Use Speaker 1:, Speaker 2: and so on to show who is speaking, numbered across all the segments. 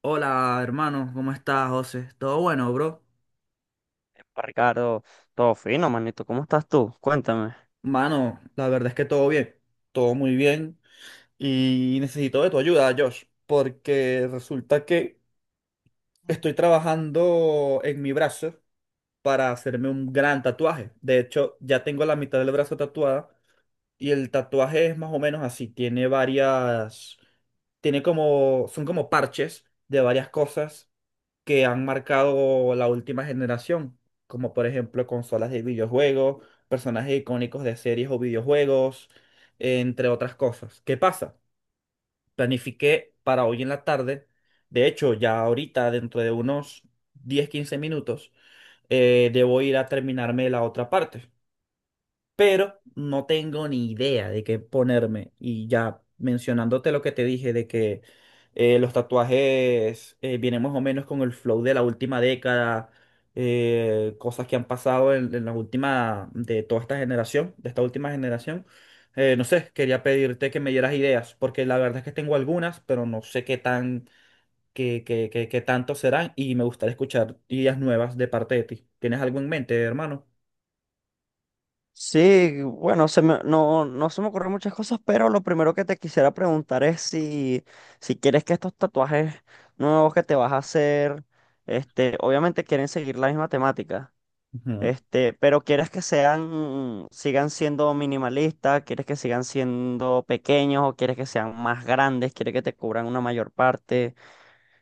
Speaker 1: Hola, hermano, ¿cómo estás, José? ¿Todo bueno, bro?
Speaker 2: Epa, Ricardo, todo fino, manito. ¿Cómo estás tú? Cuéntame.
Speaker 1: Mano, la verdad es que todo bien, todo muy bien y necesito de tu ayuda, Josh, porque resulta que estoy trabajando en mi brazo para hacerme un gran tatuaje. De hecho, ya tengo la mitad del brazo tatuada y el tatuaje es más o menos así, tiene varias, tiene como, son como parches de varias cosas que han marcado la última generación, como por ejemplo consolas de videojuegos, personajes icónicos de series o videojuegos, entre otras cosas. ¿Qué pasa? Planifiqué para hoy en la tarde, de hecho ya ahorita dentro de unos 10, 15 minutos, debo ir a terminarme la otra parte, pero no tengo ni idea de qué ponerme. Y ya mencionándote lo que te dije de que los tatuajes vienen más o menos con el flow de la última década, cosas que han pasado en la última, de toda esta generación, de esta última generación. No sé, quería pedirte que me dieras ideas, porque la verdad es que tengo algunas, pero no sé qué tan, qué tanto serán y me gustaría escuchar ideas nuevas de parte de ti. ¿Tienes algo en mente, hermano?
Speaker 2: Sí, bueno, no, se me ocurren muchas cosas, pero lo primero que te quisiera preguntar es si quieres que estos tatuajes nuevos que te vas a hacer, obviamente quieren seguir la misma temática,
Speaker 1: Ujú.
Speaker 2: pero sigan siendo minimalistas, quieres que sigan siendo pequeños o quieres que sean más grandes, quieres que te cubran una mayor parte.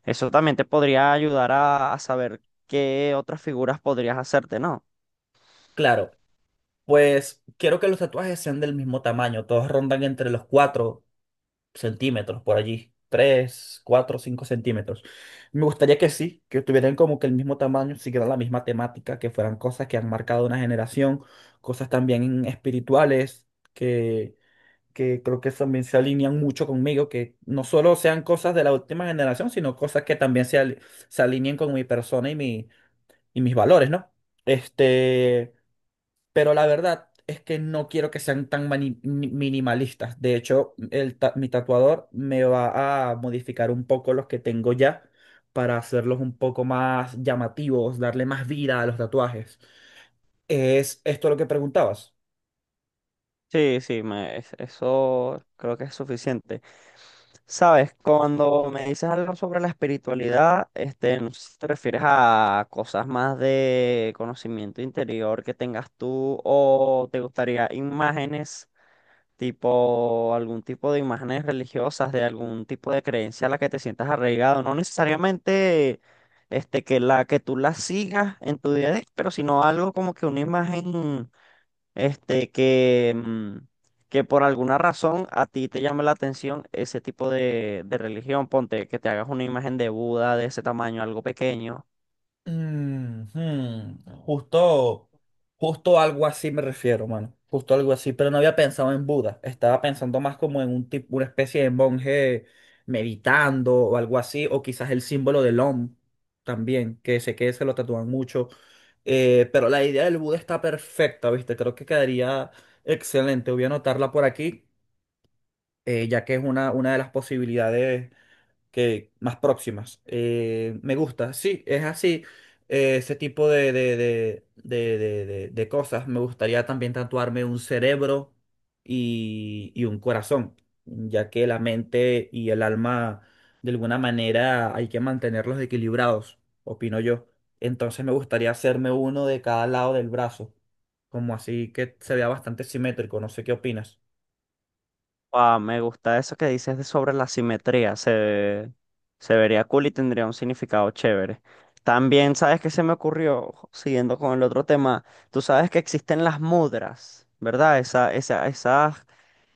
Speaker 2: Eso también te podría ayudar a saber qué otras figuras podrías hacerte, ¿no?
Speaker 1: Claro. Pues quiero que los tatuajes sean del mismo tamaño, todos rondan entre los 4 centímetros por allí, 3, 4, 5 centímetros. Me gustaría que sí, que tuvieran como que el mismo tamaño, siguieran la misma temática, que fueran cosas que han marcado una generación, cosas también espirituales, que, que creo que también se alinean mucho conmigo, que no solo sean cosas de la última generación, sino cosas que también se, se alineen con mi persona y mis valores, ¿no? Este... Pero la verdad es que no quiero que sean tan minimalistas. De hecho, mi tatuador me va a modificar un poco los que tengo ya para hacerlos un poco más llamativos, darle más vida a los tatuajes. ¿Es esto lo que preguntabas?
Speaker 2: Sí, sí, eso creo que es suficiente. Sabes, cuando me dices algo sobre la espiritualidad, no sé si te refieres a cosas más de conocimiento interior que tengas tú o te gustaría imágenes, tipo algún tipo de imágenes religiosas, de algún tipo de creencia a la que te sientas arraigado, no necesariamente que la que tú la sigas en tu día a día, pero sino algo como que una imagen este, que, mm, que por alguna razón a ti te llame la atención ese tipo de religión. Ponte que te hagas una imagen de Buda de ese tamaño, algo pequeño.
Speaker 1: Mm, hmm. Justo algo así me refiero, mano. Justo algo así, pero no había pensado en Buda. Estaba pensando más como en un tipo, una especie de monje meditando o algo así, o quizás el símbolo del Om también, que sé que se lo tatúan mucho. Pero la idea del Buda está perfecta, ¿viste? Creo que quedaría excelente. Voy a anotarla por aquí, ya que es una de las posibilidades que más próximas. Me gusta, sí, es así. Ese tipo de cosas. Me gustaría también tatuarme un cerebro y un corazón, ya que la mente y el alma, de alguna manera, hay que mantenerlos equilibrados, opino yo. Entonces me gustaría hacerme uno de cada lado del brazo, como así que se vea bastante simétrico. No sé qué opinas.
Speaker 2: Ah, me gusta eso que dices de sobre la simetría. Se vería cool y tendría un significado chévere. También, ¿sabes qué se me ocurrió? Siguiendo con el otro tema, tú sabes que existen las mudras, ¿verdad? Esas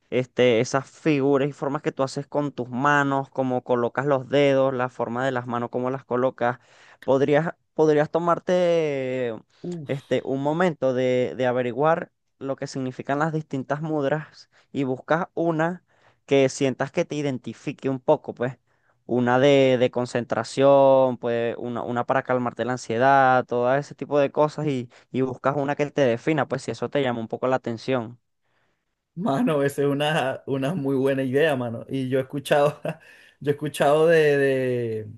Speaker 2: esas figuras y formas que tú haces con tus manos, cómo colocas los dedos, la forma de las manos, cómo las colocas. Podrías tomarte
Speaker 1: Uf.
Speaker 2: un momento de averiguar lo que significan las distintas mudras y buscas una que sientas que te identifique un poco, pues. Una de concentración, pues una para calmarte la ansiedad, todo ese tipo de cosas y buscas una que te defina, pues si eso te llama un poco la atención.
Speaker 1: Mano, esa es una muy buena idea, mano. Y yo he escuchado, yo he escuchado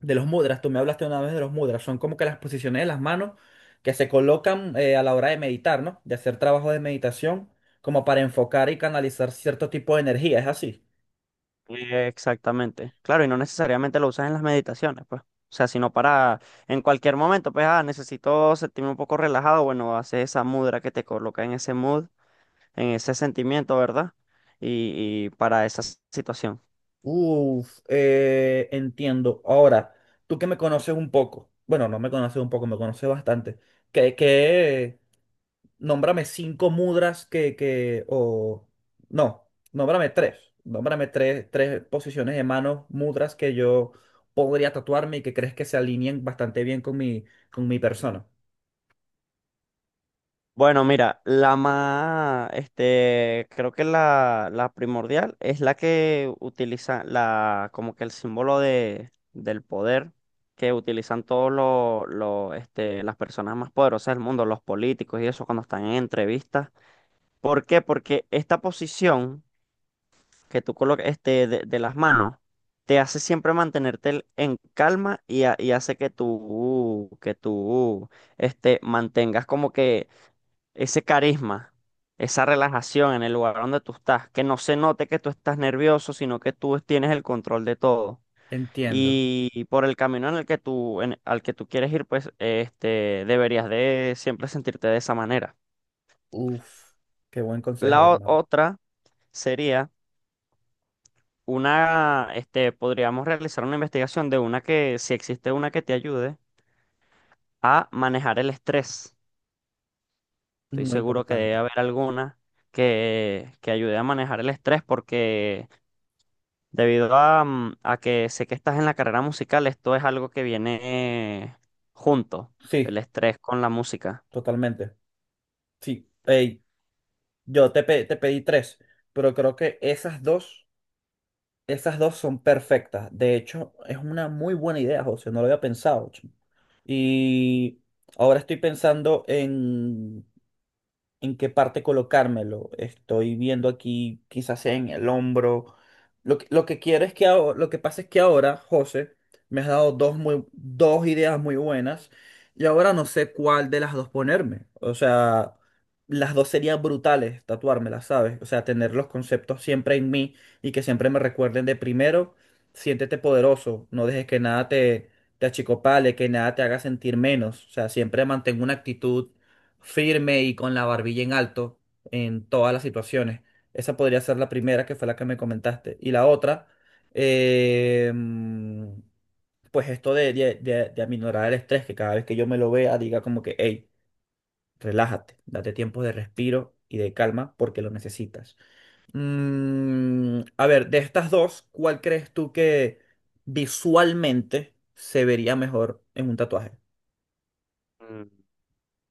Speaker 1: de los mudras. Tú me hablaste una vez de los mudras. Son como que las posiciones de las manos que se colocan a la hora de meditar, ¿no? De hacer trabajo de meditación, como para enfocar y canalizar cierto tipo de energía. Es así.
Speaker 2: Exactamente. Claro, y no necesariamente lo usas en las meditaciones, pues. O sea, sino para en cualquier momento, pues, ah, necesito sentirme un poco relajado, bueno, haces esa mudra que te coloca en ese mood, en ese sentimiento, ¿verdad? Y para esa situación.
Speaker 1: Uf, entiendo. Ahora, tú que me conoces un poco, bueno, no me conoces un poco, me conoces bastante. ¿Qué, qué? Nómbrame cinco mudras que, o, no, nómbrame tres, tres posiciones de manos, mudras que yo podría tatuarme y que crees que se alineen bastante bien con mi persona.
Speaker 2: Bueno, mira, la más, creo que la primordial es la que utiliza la, como que el símbolo del poder que utilizan todos las personas más poderosas del mundo, los políticos y eso cuando están en entrevistas. ¿Por qué? Porque esta posición que tú colocas, de las manos, te hace siempre mantenerte en calma y, y hace que mantengas como que ese carisma, esa relajación en el lugar donde tú estás, que no se note que tú estás nervioso, sino que tú tienes el control de todo.
Speaker 1: Entiendo.
Speaker 2: Y por el camino en el que al que tú quieres ir, pues deberías de siempre sentirte de esa manera.
Speaker 1: Uf, qué buen consejo,
Speaker 2: La o-
Speaker 1: hermano.
Speaker 2: otra sería una, podríamos realizar una investigación de una que, si existe una que te ayude a manejar el estrés. Estoy
Speaker 1: Muy
Speaker 2: seguro que debe
Speaker 1: importante.
Speaker 2: haber alguna que ayude a manejar el estrés porque debido a, a que sé que estás en la carrera musical, esto es algo que viene junto,
Speaker 1: Sí,
Speaker 2: el estrés con la música.
Speaker 1: totalmente. Sí. Ey, te pedí tres, pero creo que esas dos son perfectas. De hecho, es una muy buena idea, José. No lo había pensado. Y ahora estoy pensando en qué parte colocármelo. Estoy viendo aquí, quizás sea en el hombro. Lo que quiero es que lo que pasa es que ahora, José, me has dado dos ideas muy buenas y ahora no sé cuál de las dos ponerme. O sea, las dos serían brutales tatuármelas, ¿sabes? O sea, tener los conceptos siempre en mí y que siempre me recuerden de primero, siéntete poderoso, no dejes que nada te achicopale, que nada te haga sentir menos. O sea, siempre mantengo una actitud firme y con la barbilla en alto en todas las situaciones. Esa podría ser la primera, que fue la que me comentaste. Y la otra, eh, pues esto de aminorar el estrés, que cada vez que yo me lo vea diga como que, hey, relájate, date tiempo de respiro y de calma porque lo necesitas. Mm, a ver, de estas dos, ¿cuál crees tú que visualmente se vería mejor en un tatuaje?
Speaker 2: Mm.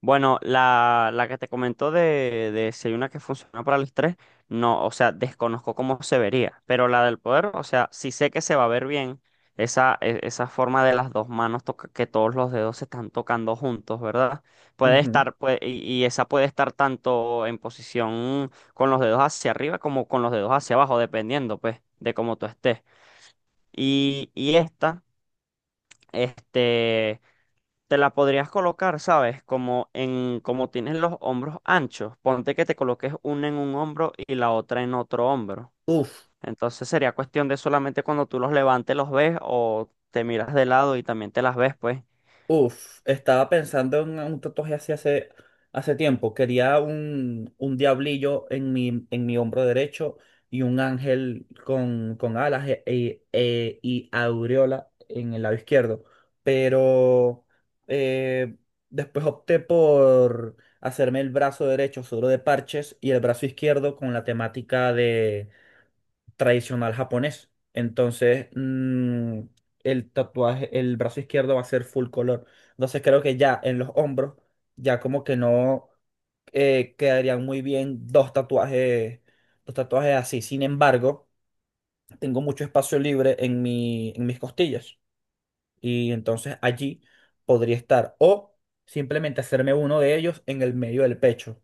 Speaker 2: Bueno, la que te comentó de si hay una que funciona para el estrés, no, o sea, desconozco cómo se vería, pero la del poder, o sea, sí sé que se va a ver bien esa, esa forma de las dos manos, que todos los dedos se están tocando juntos, ¿verdad?
Speaker 1: Ujú.
Speaker 2: Y, y esa puede estar tanto en posición con los dedos hacia arriba como con los dedos hacia abajo, dependiendo, pues, de cómo tú estés. Y, y esta, este te la podrías colocar, ¿sabes? Como en, como tienes los hombros anchos, ponte que te coloques una en un hombro y la otra en otro hombro.
Speaker 1: Uf.
Speaker 2: Entonces sería cuestión de solamente cuando tú los levantes los ves o te miras de lado y también te las ves, pues.
Speaker 1: Uf, estaba pensando en un tatuaje así hace, hace tiempo. Quería un diablillo en mi hombro derecho y un ángel con alas y aureola en el lado izquierdo. Pero eh, después opté por hacerme el brazo derecho solo de parches y el brazo izquierdo con la temática tradicional japonés. Entonces, el tatuaje, el brazo izquierdo va a ser full color. Entonces, creo que ya en los hombros, ya como que no quedarían muy bien dos tatuajes así. Sin embargo, tengo mucho espacio libre en mis costillas. Y entonces allí podría estar. O simplemente hacerme uno de ellos en el medio del pecho.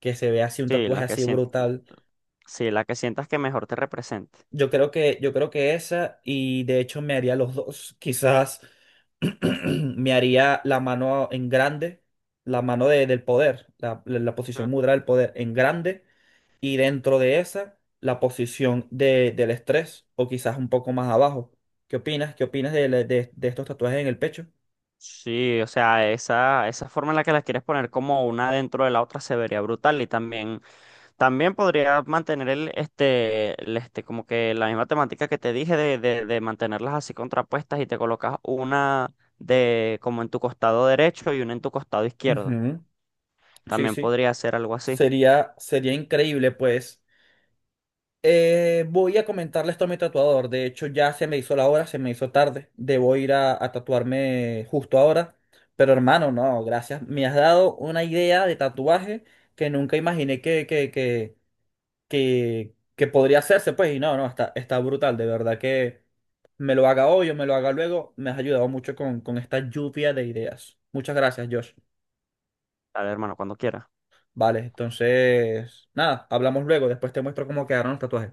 Speaker 1: Que se vea así un
Speaker 2: Sí,
Speaker 1: tatuaje así brutal.
Speaker 2: sí, la que sientas que mejor te represente.
Speaker 1: Yo creo que esa, y de hecho me haría los dos. Quizás me haría la mano en grande, la mano del poder, la posición mudra del poder en grande, y dentro de esa, la posición del estrés, o quizás un poco más abajo. ¿Qué opinas? ¿Qué opinas de, de estos tatuajes en el pecho?
Speaker 2: Sí, o sea, esa forma en la que las quieres poner como una dentro de la otra se vería brutal y también, también podría mantener como que la misma temática que te dije de mantenerlas así contrapuestas y te colocas una de como en tu costado derecho y una en tu costado izquierdo.
Speaker 1: Ujú. Sí,
Speaker 2: También
Speaker 1: sí.
Speaker 2: podría ser algo así.
Speaker 1: Sería, sería increíble, pues. Voy a comentarle esto a mi tatuador. De hecho, ya se me hizo la hora, se me hizo tarde. Debo ir a tatuarme justo ahora. Pero hermano, no, gracias. Me has dado una idea de tatuaje que nunca imaginé que, que podría hacerse. Pues, y no, no, está, está brutal. De verdad que me lo haga hoy o me lo haga luego. Me has ayudado mucho con esta lluvia de ideas. Muchas gracias, Josh.
Speaker 2: Dale, hermano, cuando quieras.
Speaker 1: Vale, entonces, nada, hablamos luego. Después te muestro cómo quedaron los tatuajes.